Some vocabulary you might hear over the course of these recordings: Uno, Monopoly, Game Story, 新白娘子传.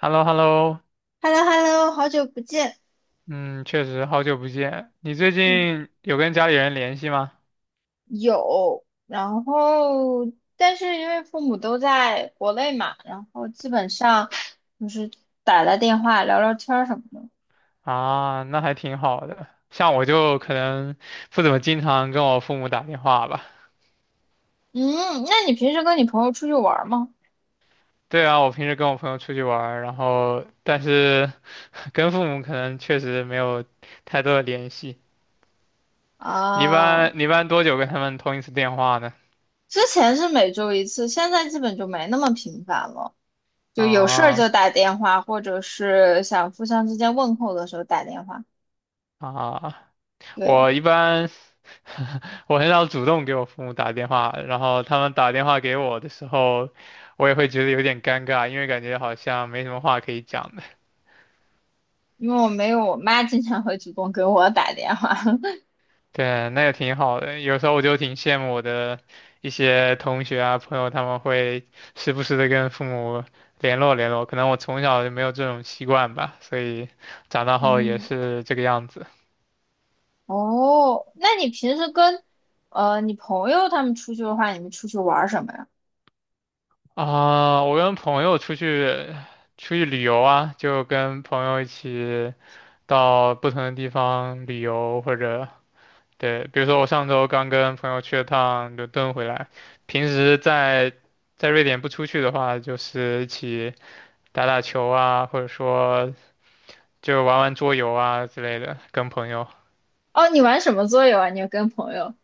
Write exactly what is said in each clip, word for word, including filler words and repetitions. h e l l o h e l l o h e l l o h e l l o 好久不见。嗯，确实好久不见。你最嗯，近有跟家里人联系吗？有。然后，但是因为父母都在国内嘛，然后基本上就是打打电话、聊聊天儿什么的。啊，那还挺好的。像我就可能不怎么经常跟我父母打电话吧。嗯，那你平时跟你朋友出去玩儿吗？对啊，我平时跟我朋友出去玩儿然后但是 跟父母可能确实没有太多的联系。你一哦，般你一般多久跟他们通一次电话呢？之前是每周一次，现在基本就没那么频繁了，就有事儿啊就打电话，或者是想互相之间问候的时候打电话。啊，对，我一般 我很少主动给我父母打电话，然后他们打电话给我的时候，我也会觉得有点尴尬，因为感觉好像没什么话可以讲的。因为我没有我妈经常会主动给我打电话。对，那也挺好的。有时候我就挺羡慕我的一些同学啊、朋友，他们会时不时的跟父母联络联络。可能我从小就没有这种习惯吧，所以长大 后也嗯。是这个样子。哦，那你平时跟呃你朋友他们出去的话，你们出去玩儿什么呀？啊、我跟朋友出去出去旅游啊，就跟朋友一起。到不同的地方旅游，或者对，比如说我上周刚跟朋友去了趟伦敦回来，平时在在瑞典不出去的话，就是一起打打球啊，或者说就玩玩桌游啊之类的，跟朋友。哦，你玩什么桌游啊？你跟朋友？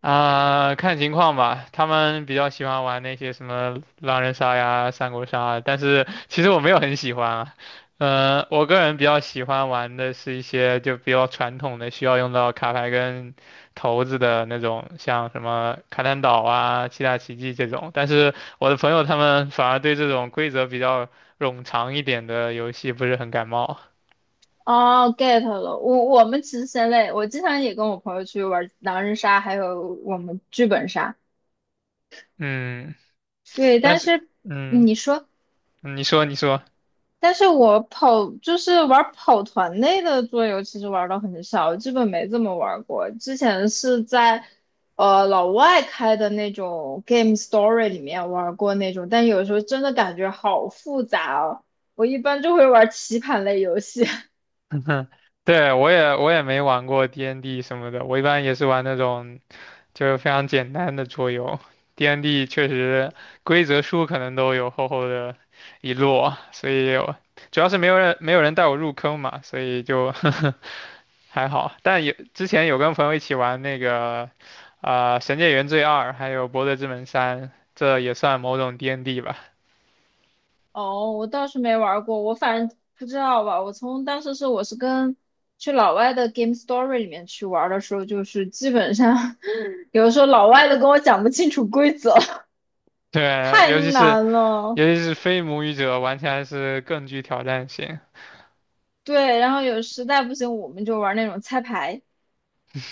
啊、看情况吧。他们比较喜欢玩那些什么狼人杀呀、三国杀啊，但是其实我没有很喜欢啊。呃，我个人比较喜欢玩的是一些就比较传统的，需要用到卡牌跟骰子的那种，像什么卡坦岛啊、七大奇迹这种。但是我的朋友他们反而对这种规则比较冗长一点的游戏不是很感冒。哦，get 了。我我们其实先类，我经常也跟我朋友去玩狼人杀，还有我们剧本杀。嗯，对，但但是，是嗯，你说。你说，你说。但是我跑就是玩跑团类的桌游，其实玩的很少，基本没怎么玩过。之前是在呃老外开的那种 Game Story 里面玩过那种，但有时候真的感觉好复杂哦。我一般就会玩棋盘类游戏。哼对，我也我也没玩过 D N D 什么的，我一般也是玩那种就是非常简单的桌游。D N D 确实规则书可能都有厚厚的一摞，所以我主要是没有人没有人带我入坑嘛，所以就 还好。但有之前有跟朋友一起玩那个啊、呃神界原罪二》还有《博德之门三》，这也算某种 D N D 吧。哦，我倒是没玩过，我反正不知道吧。我从当时是我是跟去老外的 Game Story 里面去玩的时候，就是基本上 有的时候老外都跟我讲不清楚规则。对，太尤其是难了。尤其是非母语者玩起来是更具挑战性。对，然后有实在不行，我们就玩那种猜牌，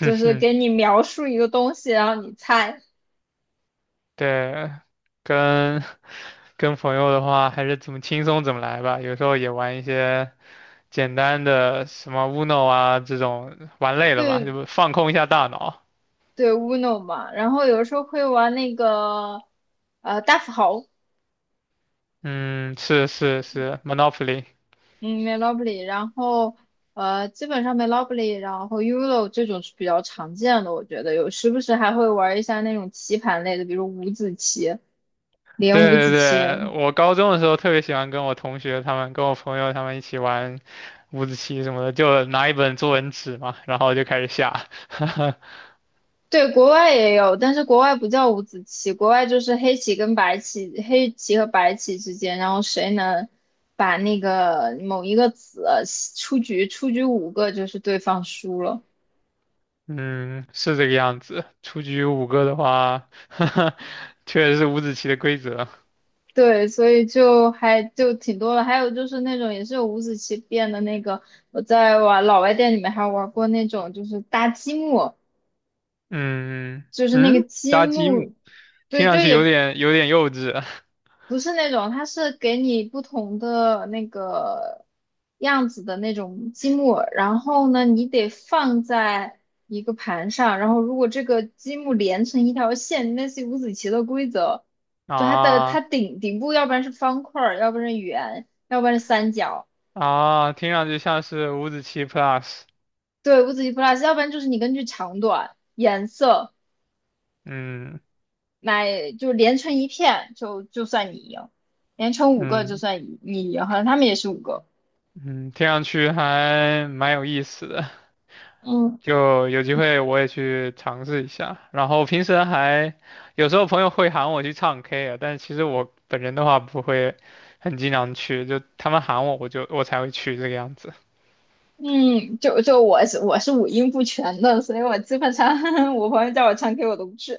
就是给 你描述一个东西，然后你猜。对，跟 跟朋友的话，还是怎么轻松怎么来吧。有时候也玩一些简单的什么 Uno 啊这种，玩累了嘛，对就放空一下大脑。对，Uno 嘛。然后有时候会玩那个呃大富豪。嗯，是是是，Monopoly。嗯，Monopoly，然后呃基本上 Monopoly，然后 Uno 这种是比较常见的，我觉得有时不时还会玩一下那种棋盘类的，比如五子棋、连对五对子棋。对，我高中的时候特别喜欢跟我同学他们、跟我朋友他们一起玩五子棋什么的，就拿一本作文纸嘛，然后就开始下。对，国外也有，但是国外不叫五子棋，国外就是黑棋跟白棋，黑棋和白棋之间，然后谁能把那个某一个子出局，出局五个就是对方输了。嗯，是这个样子。出局五个的话，确实是五子棋的规则。对，所以就还就挺多了。还有就是那种也是有五子棋变的那个，我在玩老外店里面还玩过那种，就是搭积木，嗯就是那个嗯，积搭积木，木。听对，上就去有也点有点幼稚 不是那种，它是给你不同的那个样子的那种积木，然后呢，你得放在一个盘上，然后如果这个积木连成一条线，类似于五子棋的规则，就它的啊它顶顶部，要不然是方块儿，要不然是圆，要不然是三角。啊，听上去像是五子棋 Plus，对，五子棋 plus，要不然就是你根据长短、颜色嗯来，就连成一片，就就算你赢，连成五个就嗯算你你赢，好像他们也是五个。嗯，听上去还蛮有意思的，嗯就有机会我也去尝试一下。然后平时还有时候朋友会喊我去唱 K 啊，但是其实我本人的话不会很经常去，就他们喊我我就我才会去这个样子。嗯，就就我是我是五音不全的，所以我基本上 我朋友叫我唱 K 我都不去，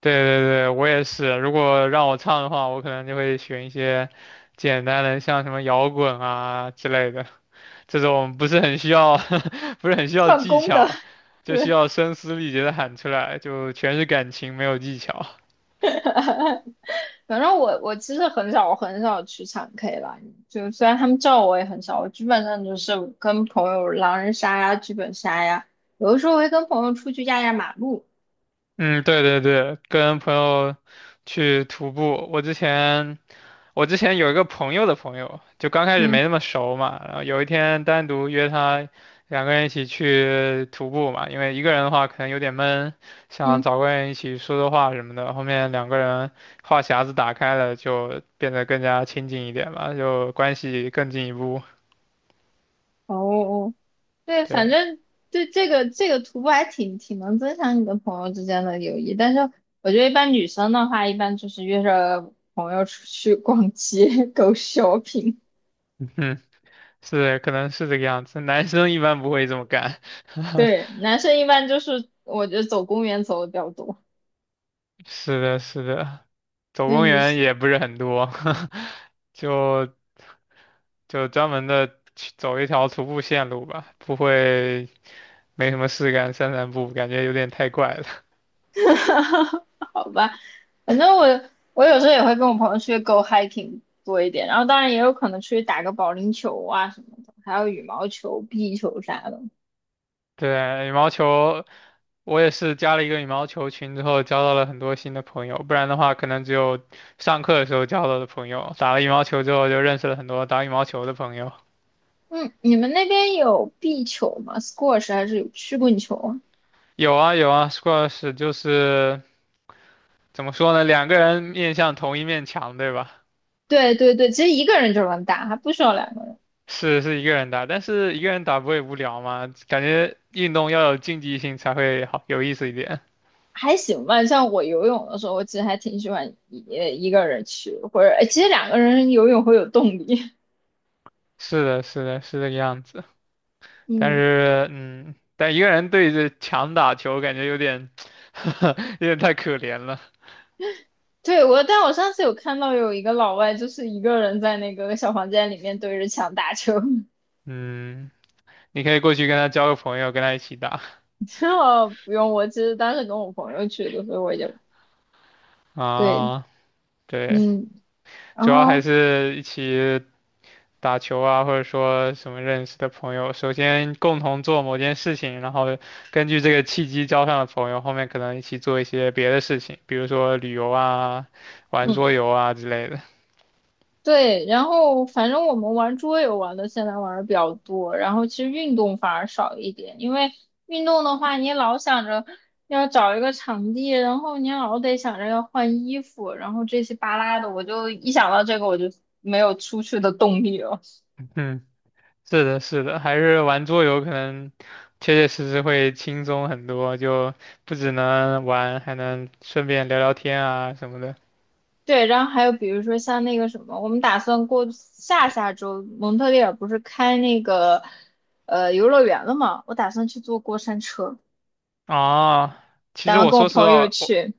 对对对，我也是。如果让我唱的话，我可能就会选一些简单的，像什么摇滚啊之类的，这种不是很需要，不是很需要唱技功的。巧，就需对，要声嘶力竭的喊出来，就全是感情，没有技巧。反正我我其实很少很少去唱 K 吧，就虽然他们叫我也很少，我基本上就是跟朋友狼人杀呀、剧本杀呀，有的时候会跟朋友出去压压马路。嗯，对对对，跟朋友去徒步，我之前。我之前有一个朋友的朋友，就刚开始嗯没那么熟嘛，然后有一天单独约他，两个人一起去徒步嘛，因为一个人的话可能有点闷，想嗯，找个人一起说说话什么的。后面两个人话匣子打开了，就变得更加亲近一点嘛，就关系更进一步。哦对，对，反正对这个这个徒步还挺挺能增强你的朋友之间的友谊，但是我觉得一般女生的话，一般就是约着朋友出去逛街、go shopping。嗯，是，可能是这个样子。男生一般不会这么干。对，男生一般就是我觉得走公园走的比较多，是的，是的，走对公女园生，也不是很多，就就专门的去走一条徒步线路吧，不会没什么事干散散步，感觉有点太怪了。好吧，反正我我有时候也会跟我朋友出去 go hiking 多一点，然后当然也有可能出去打个保龄球啊什么的，还有羽毛球、壁球啥的。对，羽毛球，我也是加了一个羽毛球群之后，交到了很多新的朋友，不然的话，可能只有上课的时候交到的朋友。打了羽毛球之后，就认识了很多打羽毛球的朋友。嗯，你们那边有壁球吗？squash 还是有曲棍球啊？有啊有啊，squash 就是怎么说呢，两个人面向同一面墙，对吧？对对对，其实一个人就能打，还不需要两个人。是是一个人打，但是一个人打不会无聊吗？感觉运动要有竞技性才会好有意思一点。还行吧，像我游泳的时候，我其实还挺喜欢一呃一个人去，或者哎其实两个人游泳会有动力。是的，是的，是这个样子。但嗯，是，嗯，但一个人对着墙打球，感觉有点，有点太可怜了。对，我，但我上次有看到有一个老外，就是一个人在那个小房间里面对着墙打球，嗯，你可以过去跟他交个朋友，跟他一起打 然后不用我，其实当时跟我朋友去的，所以我就对。啊。对，嗯，然主要还后是一起打球啊，或者说什么认识的朋友，首先共同做某件事情，然后根据这个契机交上的朋友，后面可能一起做一些别的事情，比如说旅游啊、玩桌游啊之类的。对，然后反正我们玩桌游玩的现在玩的比较多，然后其实运动反而少一点，因为运动的话，你老想着要找一个场地，然后你老得想着要换衣服，然后这些巴拉的，我就一想到这个我就没有出去的动力了。嗯，是的，是的，还是玩桌游可能切切实实会轻松很多，就不只能玩，还能顺便聊聊天啊什么的。对，然后还有比如说像那个什么，我们打算过下下周蒙特利尔不是开那个呃游乐园了嘛，我打算去坐过山车，啊，其打实算我跟我说实朋友话，我去。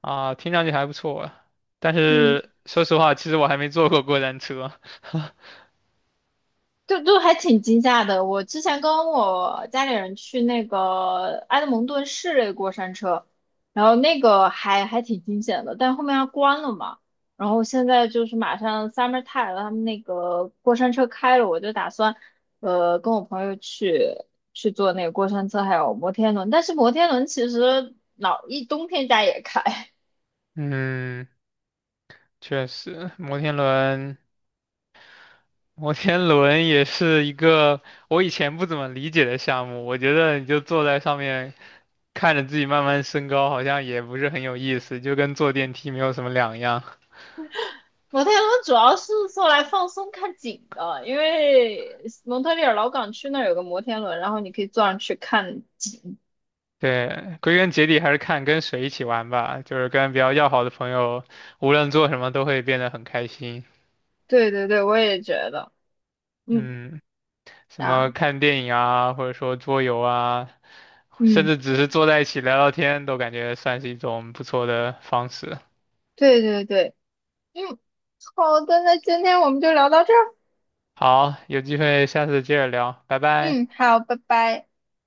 啊，听上去还不错，但嗯，是说实话，其实我还没坐过过山车。就就还挺惊吓的。我之前跟我家里人去那个埃德蒙顿市内过山车，然后那个还还挺惊险的，但后面它关了嘛。然后现在就是马上 summer time 了，他们那个过山车开了，我就打算呃跟我朋友去去坐那个过山车，还有摩天轮。但是摩天轮其实老一冬天家也开。嗯，确实，摩天轮，摩天轮也是一个我以前不怎么理解的项目。我觉得你就坐在上面，看着自己慢慢升高，好像也不是很有意思，就跟坐电梯没有什么两样。摩天轮主要是做来放松看景的，因为蒙特利尔老港区那儿有个摩天轮，然后你可以坐上去看景。对，归根结底还是看跟谁一起玩吧，就是跟比较要好的朋友，无论做什么都会变得很开心。对对对，我也觉得。嗯，嗯。什么啊，看电影啊，或者说桌游啊，甚嗯，至只是坐在一起聊聊天，都感觉算是一种不错的方式。对对对，嗯，好的，那今天我们就聊到这儿。好，有机会下次接着聊，拜拜。嗯，好，拜拜。